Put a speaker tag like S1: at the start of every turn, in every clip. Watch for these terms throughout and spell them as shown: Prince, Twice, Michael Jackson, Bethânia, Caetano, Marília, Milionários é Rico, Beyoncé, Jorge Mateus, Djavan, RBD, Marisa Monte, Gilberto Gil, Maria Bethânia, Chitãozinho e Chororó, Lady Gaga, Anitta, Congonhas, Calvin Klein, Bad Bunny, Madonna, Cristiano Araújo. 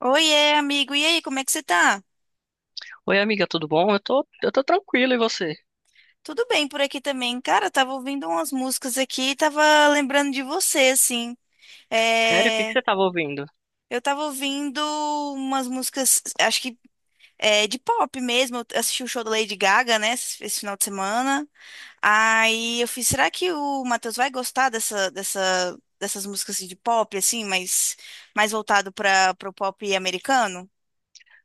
S1: Oiê, amigo. E aí, como é que você tá?
S2: Oi, amiga, tudo bom? Eu tô tranquilo, e você?
S1: Tudo bem por aqui também. Cara, eu tava ouvindo umas músicas aqui e tava lembrando de você, assim.
S2: Sério, o que que
S1: É.
S2: você tava ouvindo?
S1: Eu tava ouvindo umas músicas, acho que é, de pop mesmo. Eu assisti o show da Lady Gaga, né, esse final de semana. Aí eu fiz, será que o Matheus vai gostar dessas músicas assim, de pop, assim, mas mais voltado para o pop americano?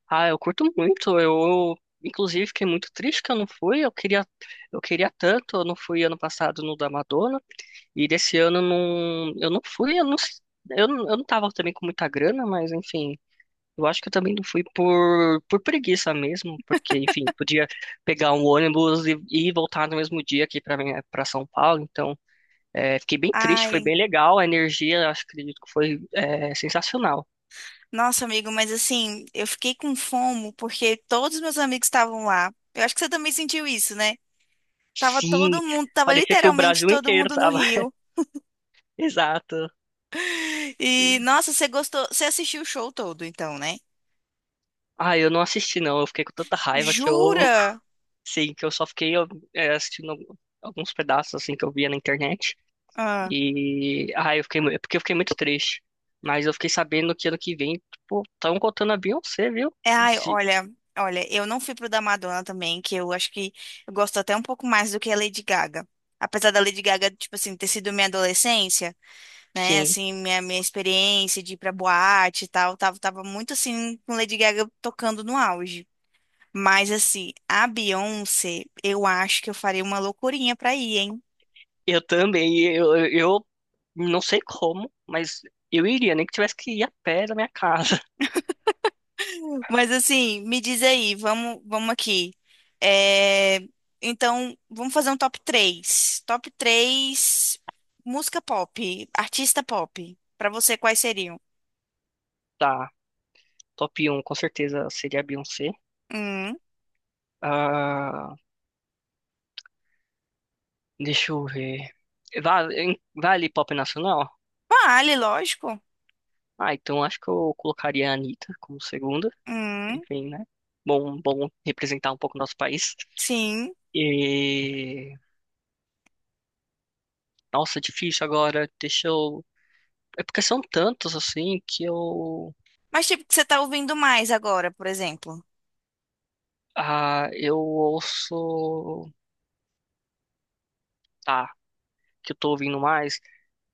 S2: Ah, eu curto muito. Eu, inclusive, fiquei muito triste que eu não fui. Eu queria tanto. Eu não fui ano passado no da Madonna. E desse ano não, eu não fui. Eu não, s- eu, não- Eu não tava também com muita grana, mas enfim. Eu acho que eu também não fui por preguiça mesmo, porque, enfim, podia pegar um ônibus e voltar no mesmo dia aqui pra São Paulo. Então, é, fiquei bem triste, foi
S1: Ai.
S2: bem legal. A energia, acredito que foi, é, sensacional.
S1: Nossa, amigo, mas assim, eu fiquei com fomo porque todos os meus amigos estavam lá. Eu acho que você também sentiu isso, né?
S2: Sim,
S1: Tava
S2: parecia que o
S1: literalmente
S2: Brasil
S1: todo
S2: inteiro
S1: mundo no
S2: tava.
S1: Rio.
S2: Exato.
S1: E,
S2: E-
S1: nossa, você gostou, você assistiu o show todo, então, né?
S2: Ah, eu não assisti, não. Eu fiquei com tanta raiva que eu.
S1: Jura?
S2: Sim, que eu só fiquei, ó, é, assistindo alguns pedaços, assim, que eu via na internet.
S1: Ah.
S2: E, ah, eu fiquei. Porque eu fiquei muito triste. Mas eu fiquei sabendo que ano que vem, tipo, estão contando a Beyoncé, viu?
S1: É. Ai,
S2: Se-
S1: olha, olha, eu não fui pro da Madonna também, que eu acho que eu gosto até um pouco mais do que a Lady Gaga. Apesar da Lady Gaga, tipo assim, ter sido minha adolescência. Né?
S2: Sim.
S1: Assim, minha experiência de ir pra boate e tal, tava muito assim, com Lady Gaga tocando no auge. Mas assim, a Beyoncé, eu acho que eu farei uma loucurinha pra ir, hein?
S2: Eu também, eu não sei como, mas eu iria, nem que tivesse que ir a pé da minha casa.
S1: Mas assim, me diz aí, vamos aqui. É, então, vamos fazer um top três. Top 3 música pop, artista pop. Pra você, quais seriam?
S2: Tá, top um com certeza seria a Beyoncé.
S1: Hum,
S2: Ah, deixa eu ver. Vale, vale pop nacional?
S1: vale, lógico.
S2: Ah, então acho que eu colocaria a Anitta como segunda.
S1: Hum,
S2: Enfim, né? Bom, bom representar um pouco o nosso país.
S1: sim.
S2: E, nossa, difícil agora. Deixa eu. É porque são tantos assim que eu.
S1: Mas tipo, o que você tá ouvindo mais agora, por exemplo?
S2: Ah, eu ouço. Tá, que eu tô ouvindo mais.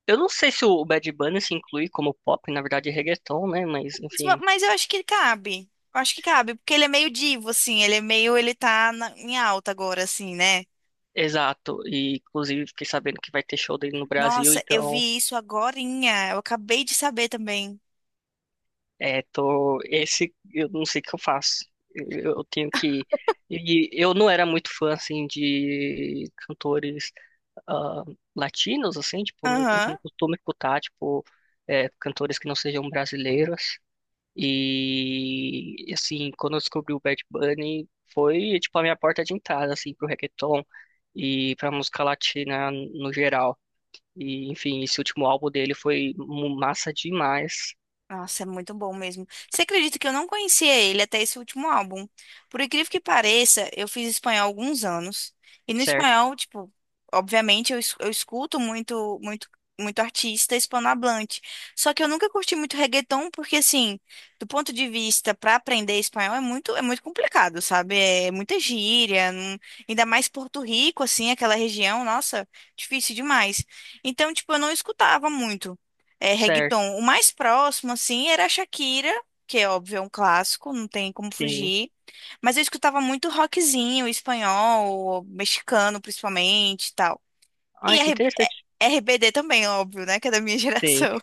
S2: Eu não sei se o Bad Bunny se inclui como pop, na verdade é reggaeton, né? Mas, enfim,
S1: Mas eu acho que cabe. Eu acho que cabe, porque ele é meio divo, assim. Ele é meio. Ele em alta agora, assim, né?
S2: exato. E, inclusive, fiquei sabendo que vai ter show dele no Brasil,
S1: Nossa, eu
S2: então,
S1: vi isso agorinha. Eu acabei de saber também.
S2: é, tô... Esse, eu não sei o que eu faço. Eu tenho que... E eu não era muito fã, assim, de cantores, ah, latinos, assim, tipo,
S1: Aham.
S2: não costumo escutar, tipo, é, cantores que não sejam brasileiros. E assim, quando eu descobri o Bad Bunny, foi tipo a minha porta de entrada assim pro reggaeton e pra música latina no geral. E enfim, esse último álbum dele foi massa demais,
S1: Nossa, é muito bom mesmo. Você acredita que eu não conhecia ele até esse último álbum? Por incrível que pareça, eu fiz espanhol há alguns anos. E no
S2: certo?
S1: espanhol, tipo, obviamente eu escuto muito, muito artista hispanohablante. Só que eu nunca curti muito reggaeton, porque assim, do ponto de vista para aprender espanhol é muito complicado, sabe? É muita gíria, não, ainda mais Porto Rico, assim, aquela região, nossa, difícil demais. Então, tipo, eu não escutava muito é,
S2: Certo,
S1: reggaeton. O mais próximo, assim, era a Shakira, que é óbvio, é um clássico, não tem como
S2: sim.
S1: fugir. Mas eu escutava muito rockzinho, espanhol, mexicano, principalmente, e tal. E
S2: Ai, que
S1: R-
S2: interessante.
S1: RBD também, óbvio, né? Que é da minha
S2: Sim,
S1: geração.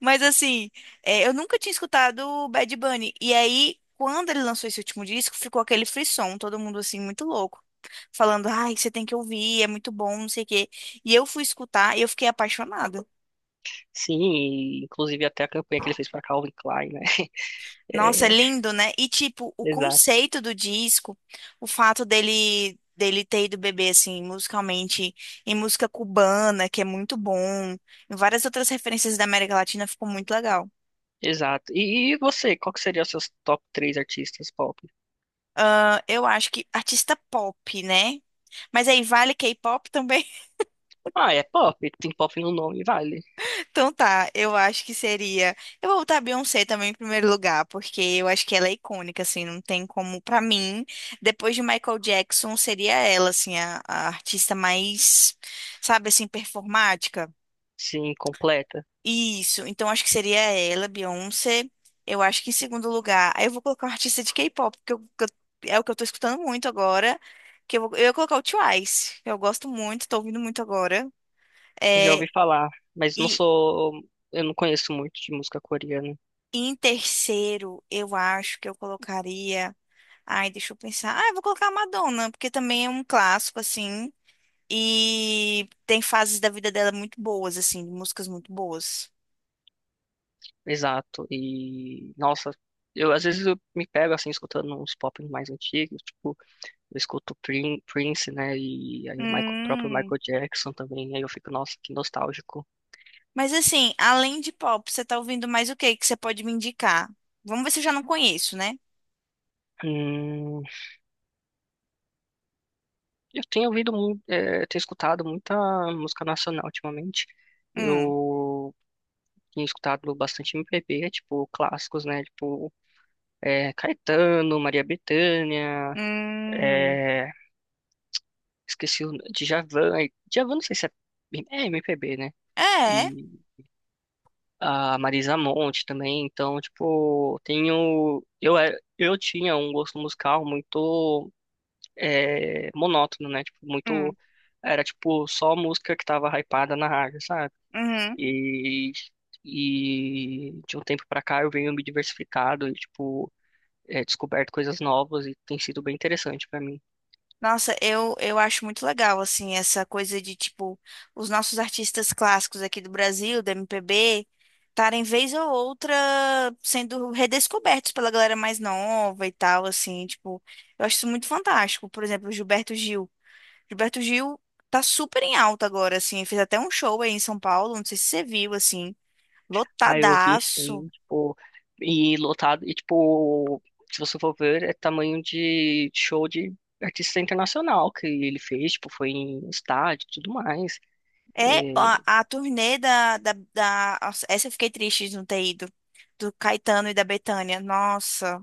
S1: Mas, assim, é, eu nunca tinha escutado o Bad Bunny. E aí, quando ele lançou esse último disco, ficou aquele frisson, todo mundo, assim, muito louco. Falando, ai, você tem que ouvir, é muito bom, não sei o quê. E eu fui escutar e eu fiquei apaixonada.
S2: sim, e, inclusive, até a campanha que ele fez pra Calvin Klein, né?
S1: Nossa, é
S2: É,
S1: lindo, né? E tipo, o
S2: exato,
S1: conceito do disco, o fato dele ter ido beber assim, musicalmente, em música cubana, que é muito bom, em várias outras referências da América Latina, ficou muito legal.
S2: exato. E você, qual que seria os seus top três artistas pop?
S1: Ah, eu acho que artista pop, né? Mas aí vale K-pop também?
S2: Ah, é pop, tem pop no nome, vale.
S1: Então tá, eu acho que seria. Eu vou botar a Beyoncé também em primeiro lugar, porque eu acho que ela é icônica, assim, não tem como. Pra mim, depois de Michael Jackson, seria ela, assim, a artista mais, sabe, assim, performática.
S2: Sim, completa.
S1: Isso, então acho que seria ela, Beyoncé. Eu acho que em segundo lugar. Aí eu vou colocar um artista de K-pop, porque eu- que eu- é o que eu tô escutando muito agora. Eu ia colocar o Twice, que eu gosto muito, tô ouvindo muito agora.
S2: Já
S1: É.
S2: ouvi falar, mas não
S1: e
S2: sou, eu não conheço muito de música coreana,
S1: E em terceiro, eu acho que eu colocaria. Ai, deixa eu pensar. Ah, eu vou colocar a Madonna, porque também é um clássico, assim. E tem fases da vida dela muito boas, assim, músicas muito boas.
S2: exato. E nossa, eu às vezes eu me pego assim escutando uns pop mais antigos, tipo, eu escuto Prince, né? E aí o próprio
S1: Hum.
S2: Michael Jackson também, aí eu fico, nossa, que nostálgico.
S1: Mas assim, além de pop, você tá ouvindo mais o que que você pode me indicar? Vamos ver se eu já não conheço, né?
S2: Hum, eu tenho ouvido muito, tenho escutado muita música nacional ultimamente.
S1: Hum.
S2: Eu tenho escutado bastante MPB, tipo, clássicos, né? Tipo, é, Caetano, Maria Bethânia.
S1: Hum.
S2: É, esqueci o Djavan. Djavan não sei se é, é MPB, né?
S1: É.
S2: E a Marisa Monte também. Então, tipo, tenho. Eu tinha um gosto musical muito, é, monótono, né? Tipo,
S1: Hum.
S2: muito. Era tipo só música que tava hypada na rádio, sabe?
S1: Uhum.
S2: E, e de um tempo pra cá eu venho me diversificado e, tipo, é, descoberto coisas novas e tem sido bem interessante pra mim.
S1: Nossa, eu acho muito legal, assim, essa coisa de, tipo, os nossos artistas clássicos aqui do Brasil, da MPB, estarem vez ou outra sendo redescobertos pela galera mais nova e tal, assim, tipo, eu acho isso muito fantástico. Por exemplo, o Gilberto Gil. Gilberto Gil tá super em alta agora, assim, fez até um show aí em São Paulo, não sei se você viu, assim,
S2: Aí eu vi,
S1: lotadaço.
S2: sim, tipo, e lotado, e tipo, se você for ver, é tamanho de show de artista internacional que ele fez, tipo, foi em estádio e tudo mais. É,
S1: É a turnê nossa, essa eu fiquei triste de não ter ido. Do Caetano e da Bethânia. Nossa,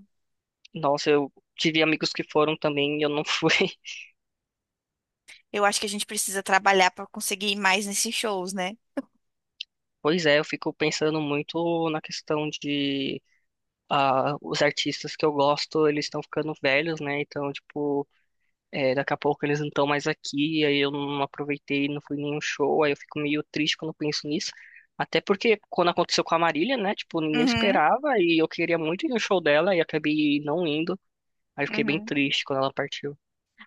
S2: nossa, eu tive amigos que foram também e eu não fui.
S1: eu acho que a gente precisa trabalhar pra conseguir ir mais nesses shows, né?
S2: Pois é, eu fico pensando muito na questão de, ah, os artistas que eu gosto, eles estão ficando velhos, né? Então, tipo, é, daqui a pouco eles não estão mais aqui, aí eu não aproveitei, não fui em nenhum show, aí eu fico meio triste quando penso nisso. Até porque quando aconteceu com a Marília, né? Tipo, ninguém
S1: Uhum,
S2: esperava e eu queria muito ir no show dela e acabei não indo. Aí fiquei bem
S1: uhum.
S2: triste quando ela partiu.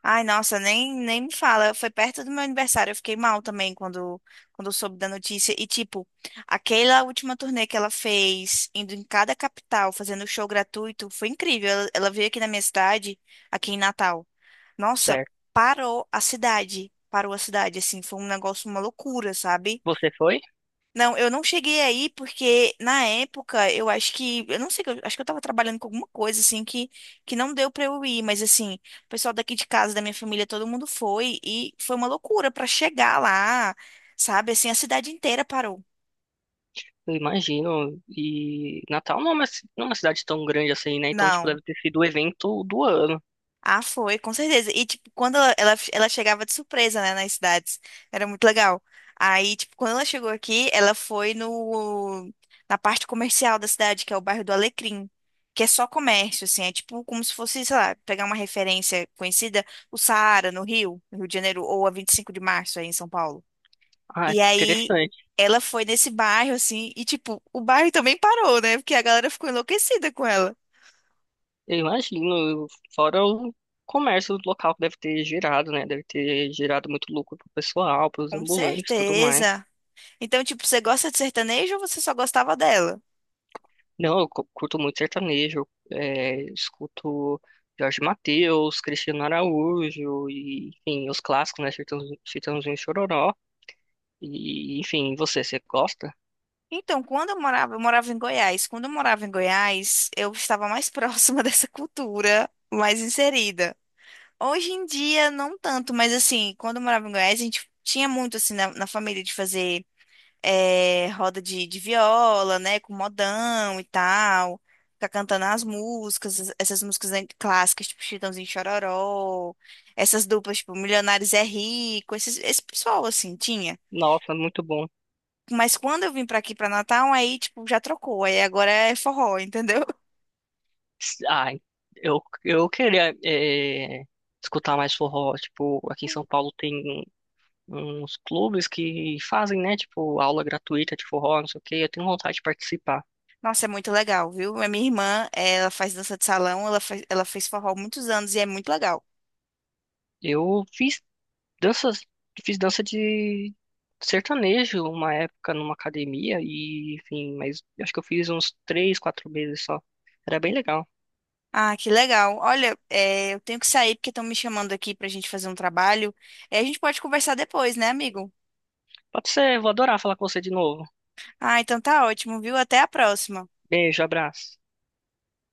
S1: Ai, nossa, nem me fala. Foi perto do meu aniversário. Eu fiquei mal também quando eu soube da notícia. E, tipo, aquela última turnê que ela fez, indo em cada capital, fazendo show gratuito, foi incrível. Ela veio aqui na minha cidade, aqui em Natal. Nossa,
S2: Certo.
S1: parou a cidade. Parou a cidade, assim, foi um negócio, uma loucura, sabe?
S2: Você foi?
S1: Não, eu não cheguei aí porque na época eu acho que, eu não sei, eu acho que eu tava trabalhando com alguma coisa assim que não deu pra eu ir, mas assim, o pessoal daqui de casa, da minha família, todo mundo foi e foi uma loucura pra chegar lá, sabe? Assim, a cidade inteira parou.
S2: Eu imagino. E Natal não é uma, não é uma cidade tão grande assim, né? Então, tipo,
S1: Não.
S2: deve ter sido o evento do ano.
S1: Ah, foi, com certeza. E, tipo, quando ela chegava de surpresa, né, nas cidades, era muito legal. Aí, tipo, quando ela chegou aqui, ela foi no, na parte comercial da cidade, que é o bairro do Alecrim, que é só comércio, assim, é tipo como se fosse, sei lá, pegar uma referência conhecida, o Saara, no Rio de Janeiro, ou a 25 de Março, aí em São Paulo.
S2: Ah,
S1: E aí,
S2: interessante.
S1: ela foi nesse bairro, assim, e, tipo, o bairro também parou, né, porque a galera ficou enlouquecida com ela.
S2: Eu imagino, fora o comércio local que deve ter gerado, né? Deve ter gerado muito lucro pro pessoal, pros
S1: Com
S2: ambulantes, e tudo mais.
S1: certeza. Então, tipo, você gosta de sertanejo ou você só gostava dela?
S2: Não, eu curto muito sertanejo, é, escuto Jorge Mateus, Cristiano Araújo e, enfim, os clássicos, né? Chitãozinho, Chitãozinho e Chororó. E, enfim, você, você gosta?
S1: Então, quando eu morava em Goiás. Quando eu morava em Goiás, eu estava mais próxima dessa cultura, mais inserida. Hoje em dia, não tanto, mas assim, quando eu morava em Goiás, a gente tinha muito, assim, na família de fazer eh, roda de viola, né, com modão e tal, ficar cantando as músicas, essas clássicas, tipo Chitãozinho e Chororó, essas duplas, tipo Milionários é Rico, esse pessoal, assim, tinha.
S2: Nossa, muito bom.
S1: Mas quando eu vim pra aqui pra Natal, aí, tipo, já trocou. Aí agora é forró, entendeu?
S2: Ai, eu queria, é, escutar mais forró. Tipo, aqui em São Paulo tem. Uns clubes que fazem, né, tipo, aula gratuita de forró, não sei o quê, eu tenho vontade de participar.
S1: Nossa, é muito legal, viu? A minha irmã, ela faz dança de salão, ela fez forró há muitos anos e é muito legal.
S2: Eu fiz danças, fiz dança de sertanejo uma época numa academia e, enfim, mas acho que eu fiz uns três, quatro meses só. Era bem legal.
S1: Ah, que legal. Olha, é, eu tenho que sair porque estão me chamando aqui pra gente fazer um trabalho. É, a gente pode conversar depois, né, amigo?
S2: Pode ser, vou adorar falar com você de novo.
S1: Ah, então tá ótimo, viu? Até a próxima.
S2: Beijo, abraço.